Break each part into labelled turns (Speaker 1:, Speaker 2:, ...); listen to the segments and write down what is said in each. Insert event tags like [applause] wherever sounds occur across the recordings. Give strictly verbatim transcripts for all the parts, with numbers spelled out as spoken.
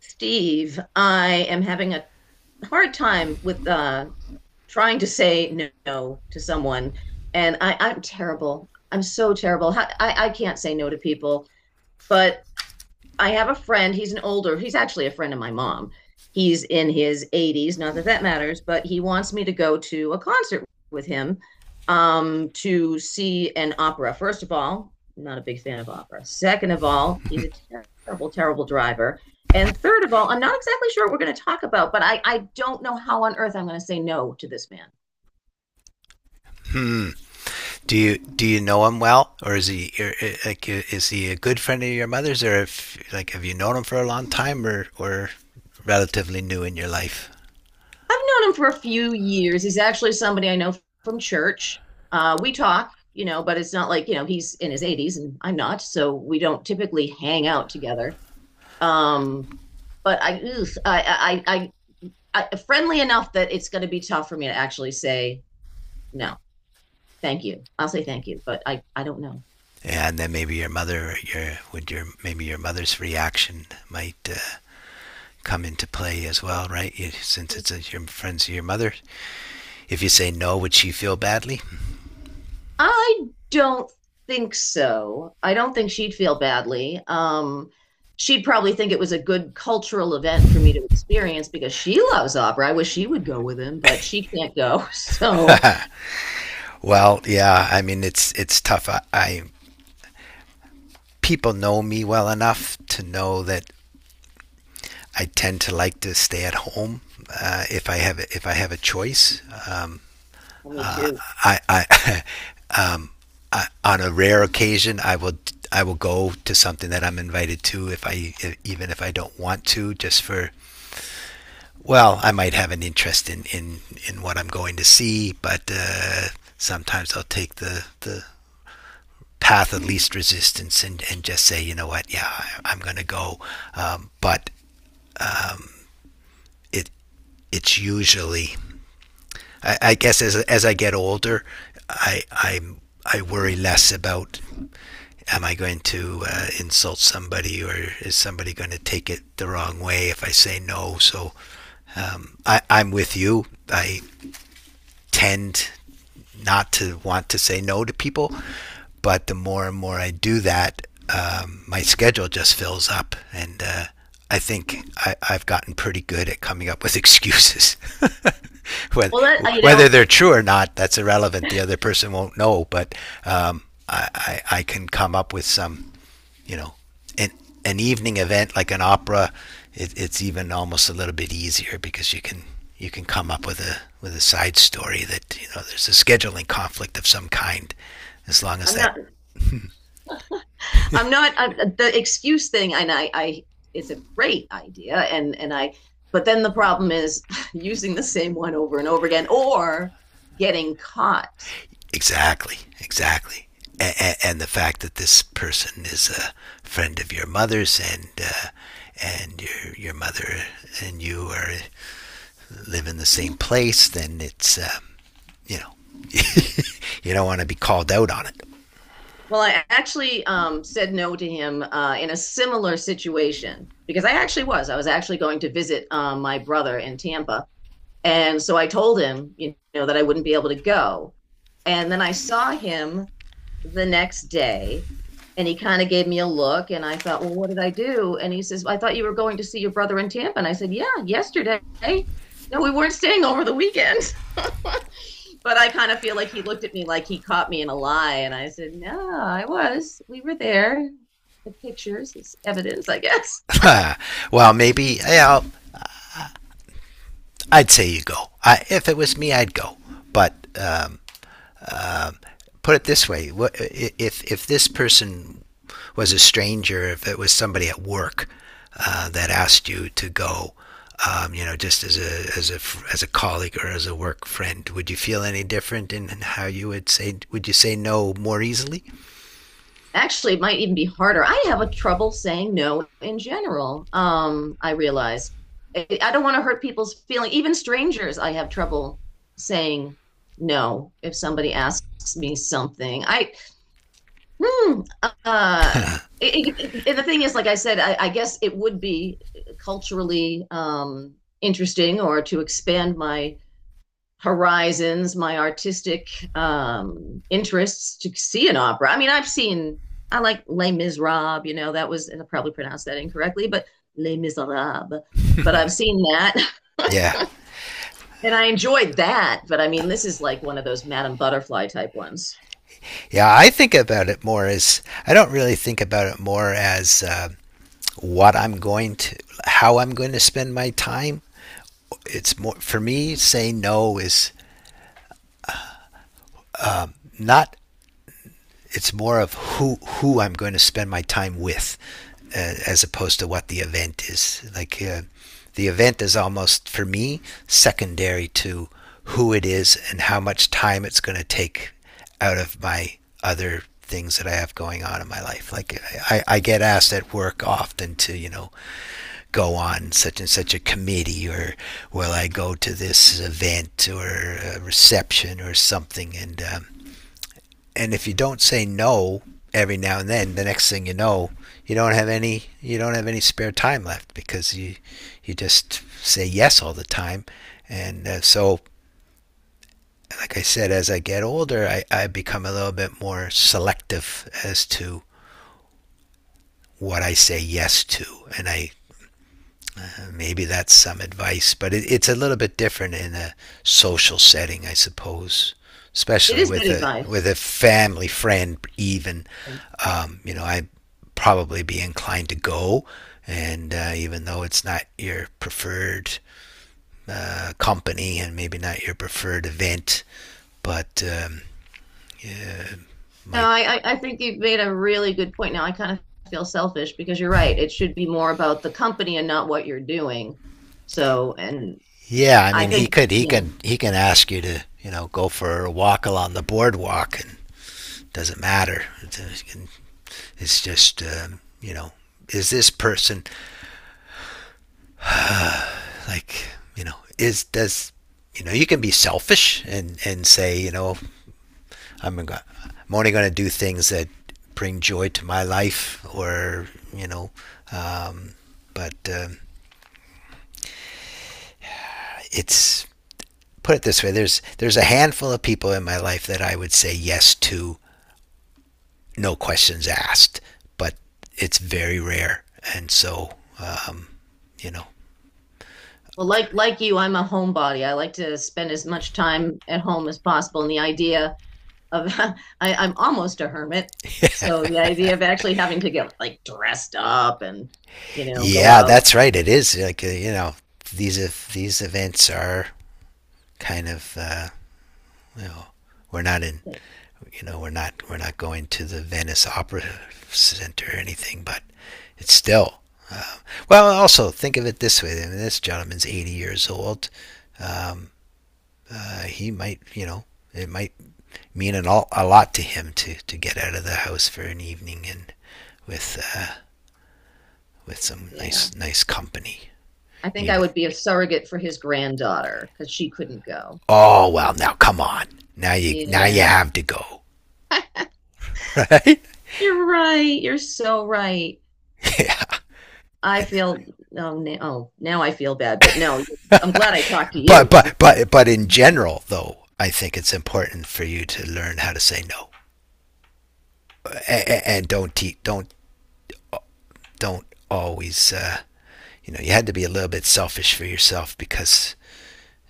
Speaker 1: Steve, I am having a hard time with uh, trying to say no to someone, and I, I'm terrible. I'm so terrible. I, I can't say no to people, but I have a friend. He's an older, he's actually a friend of my mom. He's in his eighties, not that that matters, but he wants me to go to a concert with him, um, to see an opera. First of all, I'm not a big fan of opera. Second of all, he's a terrible, terrible driver. And third of all, I'm not exactly sure what we're going to talk about, but I, I don't know how on earth I'm going to say no to this man.
Speaker 2: Mm. Do you do you know him well, or is he or, uh, like uh, is he a good friend of your mother's, or if like have you known him for a long time, or or relatively new in your life?
Speaker 1: I've known him for a few years. He's actually somebody I know from church. Uh, we talk, you know, but it's not like, you know, he's in his eighties and I'm not. So we don't typically hang out together. Um, but I, ugh, I, I, I, I, friendly enough that it's going to be tough for me to actually say no, thank you. I'll say thank you, but I, I don't know.
Speaker 2: And then maybe your mother, your would your maybe your mother's reaction might uh, come into play as well, right? You, since it's a, your friends of your mother, if you say no, would she feel badly?
Speaker 1: I don't think so. I don't think she'd feel badly. Um, she'd probably think it was a good cultural event for me to experience because she loves opera. I wish she would go with him, but she can't go. [laughs] So,
Speaker 2: Well, yeah. I mean, it's it's tough. I, I people know me well enough to know that I tend to like to stay at home uh, if I have if I have a choice.
Speaker 1: well, me too.
Speaker 2: I, I, [laughs] um, I on a rare occasion I will I will go to something that I'm invited to if I if, even if I don't want to just for well I might have an interest in in in what I'm going to see but uh, sometimes I'll take the the path of least resistance and and just say you know what, yeah, I, I'm gonna go, um, but it it's usually I, I guess as as I get older, I I I worry less about am I going to uh, insult somebody or is somebody going to take it the wrong way if I say no. So I, I'm with you. I tend not to want to say no to people, but the more and more I do that, um, my schedule just fills up, and uh, I think I, I've gotten pretty good at coming up with excuses. [laughs] whether,
Speaker 1: Well, that I- you
Speaker 2: whether
Speaker 1: know,
Speaker 2: they're true or not, that's irrelevant. The other person won't know, but um, I, I, I can come up with some you know, an, an evening event like an opera, it, it's even almost a little bit easier because you can you can come up with a with a side story that you know there's a scheduling conflict of some kind, as long as
Speaker 1: I'm
Speaker 2: that
Speaker 1: not. I'm not. I'm, the excuse thing, and I, I, it's a great idea, and and I. But then the problem is [laughs] using the same one over and over again, or getting caught.
Speaker 2: exactly, exactly. A- and the fact that this person is a friend of your mother's and uh, and your your mother and you are live in the same place, then it's um, you know you don't want to be called out on it.
Speaker 1: Well, I actually um, said no to him uh, in a similar situation because I actually was. I was actually going to visit um, my brother in Tampa. And so I told him, you know, that I wouldn't be able to go. And then I saw him the next day, and he kind of gave me a look. And I thought, well, what did I do? And he says, I thought you were going to see your brother in Tampa. And I said, yeah, yesterday. No, we weren't staying over the weekend, but I kind of feel like he looked at me like he caught me in a lie, and I said, "No, I was. We were there. The pictures is evidence, I guess."
Speaker 2: Well, maybe yeah, I'll, I'd say you go. I, if it was me, I'd go. But uh, put it this way: if if this person was a stranger, if it was somebody at work uh, that asked you to go, um, you know, just as a as a as a colleague or as a work friend, would you feel any different in how you would say? Would you say no more easily?
Speaker 1: Actually, it might even be harder. I have a trouble saying no in general. Um, I realize I don't want to hurt people's feelings. Even strangers, I have trouble saying no if somebody asks me something. I Hmm. Uh, it- it- it- and the thing is, like I said, I, I guess it would be culturally um, interesting, or to expand my horizons, my artistic um, interests, to see an opera. I mean, I've seen, I like Les Miserables, you know, that was, and I probably pronounced that incorrectly, but Les Miserables. But I've seen that
Speaker 2: Yeah,
Speaker 1: [laughs] and I enjoyed that. But I mean, this is like one of those Madame Butterfly type ones.
Speaker 2: yeah. I think about it more as I don't really think about it more as uh, what I'm going to, how I'm going to spend my time, it's more for me saying no is not, it's more of who who I'm going to spend my time with, uh, as opposed to what the event is. Like uh, the event is almost for me secondary to who it is and how much time it's going to take out of my other things that I have going on in my life. Like I, I get asked at work often to you know go on such and such a committee or will I go to this event or a reception or something and um, and if you don't say no every now and then, the next thing you know, you don't have any you don't have any spare time left because you you just say yes all the time, and uh, so like I said, as I get older, I, I become a little bit more selective as to what I say yes to, and I maybe that's some advice, but it, it's a little bit different in a social setting, I suppose,
Speaker 1: It
Speaker 2: especially
Speaker 1: is good
Speaker 2: with a with
Speaker 1: advice.
Speaker 2: a family friend. Even,
Speaker 1: Yeah.
Speaker 2: um, you know, I probably be inclined to go, and uh, even though it's not your preferred uh, company and maybe not your preferred event, but um,
Speaker 1: No,
Speaker 2: might.
Speaker 1: I, I, I think you've made a really good point. Now I kind of feel selfish because you're right. It should be more about the company and not what you're doing. So, and
Speaker 2: Yeah, I
Speaker 1: I
Speaker 2: mean, he
Speaker 1: think,
Speaker 2: could, he
Speaker 1: yeah,
Speaker 2: can, he can ask you to, you know, go for a walk along the boardwalk, and doesn't matter. It's, you can, it's just, um, you know, is this person like, you know, is does, you know, you can be selfish and and say, you know, I'm I'm only going to do things that bring joy to my life, or you know, um, but um, it's, put it this way: there's there's a handful of people in my life that I would say yes to, no questions asked, but it's very rare, and so uh, you know,
Speaker 1: well, like like you, I'm a homebody. I like to spend as much time at home as possible. And the idea of [laughs] I, I'm almost a hermit. So the idea of actually having to get like dressed up and, you know, go
Speaker 2: yeah,
Speaker 1: out.
Speaker 2: that's right. It is like uh, you know these these events are kind of uh, you know we're not in you know we're not we're not going to the Venice Opera Center or anything, but it's still. Uh, well, also think of it this way: I mean, this gentleman's eighty years old. Uh, he might, you know, it might mean an all, a lot to him to, to get out of the house for an evening and with uh, with some
Speaker 1: Yeah.
Speaker 2: nice nice company,
Speaker 1: I think I
Speaker 2: even.
Speaker 1: would be a surrogate for his granddaughter because she couldn't go.
Speaker 2: Oh well, now come on. Now you now you
Speaker 1: Yeah.
Speaker 2: have to go.
Speaker 1: [laughs] You're right. You're so right. I feel oh now, oh now I feel bad, but no, I'm glad I talked to you
Speaker 2: But
Speaker 1: because
Speaker 2: but but but in general, though, I think it's important for you to learn how to say no, and, and don't te- don't don't always. Uh, you know, you had to be a little bit selfish for yourself because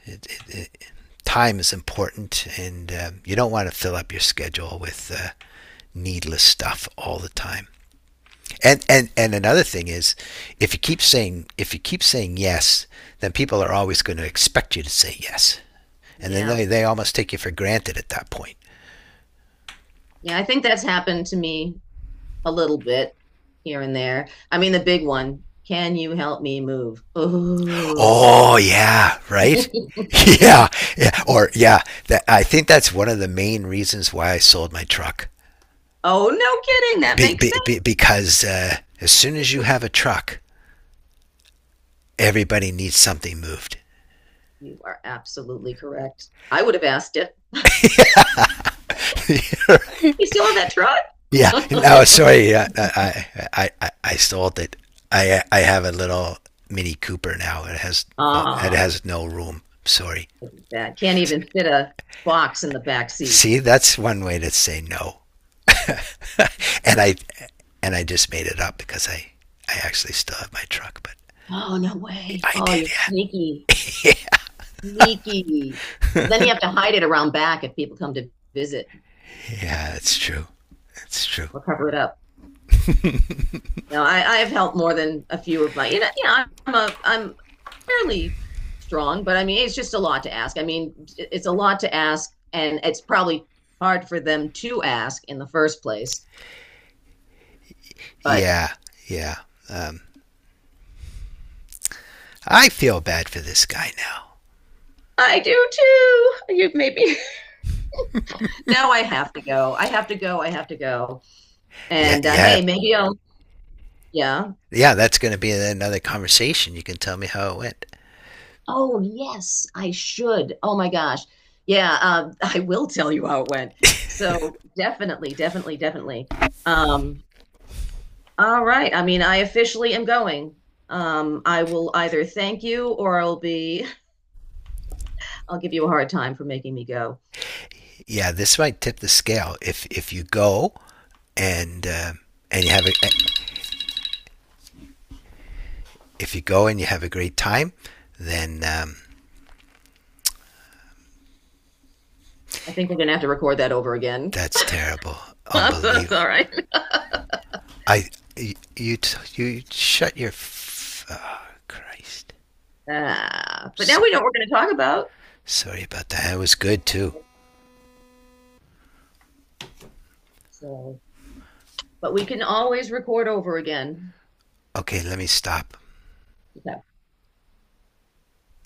Speaker 2: it, it, it, time is important, and um, you don't want to fill up your schedule with uh, needless stuff all the time. And and and another thing is, if you keep saying if you keep saying yes, then people are always going to expect you to say yes, and then
Speaker 1: yeah,
Speaker 2: they they almost take you for granted at that point.
Speaker 1: yeah, I think that's happened to me a little bit here and there. I mean, the big one. Can you help me move? Oh,
Speaker 2: Oh yeah,
Speaker 1: [laughs]
Speaker 2: right. [laughs] Yeah, yeah, or yeah. That, I think that's one of the main reasons why I sold my truck,
Speaker 1: oh, no kidding. That
Speaker 2: be,
Speaker 1: makes
Speaker 2: be,
Speaker 1: sense.
Speaker 2: be, because uh, as soon as you have a truck, everybody needs something moved.
Speaker 1: You are absolutely correct. I would have asked it.
Speaker 2: [laughs] You know.
Speaker 1: You still have that truck?
Speaker 2: Yeah. No,
Speaker 1: [laughs]
Speaker 2: sorry. Yeah, I I I, I- I stole it. I I have a little Mini Cooper now. It has no it
Speaker 1: Um,
Speaker 2: has no room. Sorry.
Speaker 1: that can't even fit a box in the back seat.
Speaker 2: See, that's one way to say no. And I and I just made it up because I I actually still have my truck, but
Speaker 1: Oh, no way.
Speaker 2: I
Speaker 1: Oh,
Speaker 2: did.
Speaker 1: you're sneaky.
Speaker 2: Yeah.
Speaker 1: Sneaky. Well, then you have to hide it around back if people come to visit,
Speaker 2: [laughs] Yeah, that's true. That's true.
Speaker 1: or cover it up. Now, I, I have helped more than a few of my, you know, yeah, I'm a, I'm fairly strong, but I mean, it's just a lot to ask. I mean, it's a lot to ask, and it's probably hard for them to ask in the first place. But
Speaker 2: Yeah. Yeah. I feel bad for this guy now.
Speaker 1: I do too. You maybe [laughs] now I have to go. I have to go. I have to go.
Speaker 2: Yeah.
Speaker 1: And uh,
Speaker 2: Yeah.
Speaker 1: hey, maybe I'll, yeah.
Speaker 2: Yeah, that's going to be another conversation. You can tell me how it went.
Speaker 1: Oh, yes, I should. Oh my gosh. Yeah, um, [laughs] I will tell you how it went. So definitely, definitely, definitely. Um, all right. I mean, I officially am going. Um, I will either thank you, or I'll be I'll give you a hard time for making me go.
Speaker 2: Yeah, this might tip the scale. If if you go and uh, and you have a, eh, if you go and you have a great time, then um,
Speaker 1: I think we're gonna have to record that over again.
Speaker 2: that's terrible,
Speaker 1: [laughs] That's
Speaker 2: unbelievable.
Speaker 1: all right.
Speaker 2: I you you, shut your f- oh, Christ.
Speaker 1: Uh, but now
Speaker 2: So
Speaker 1: we know what we're gonna talk about.
Speaker 2: sorry about that. That was good too.
Speaker 1: So, but we can always record over again.
Speaker 2: Okay, let me stop.
Speaker 1: That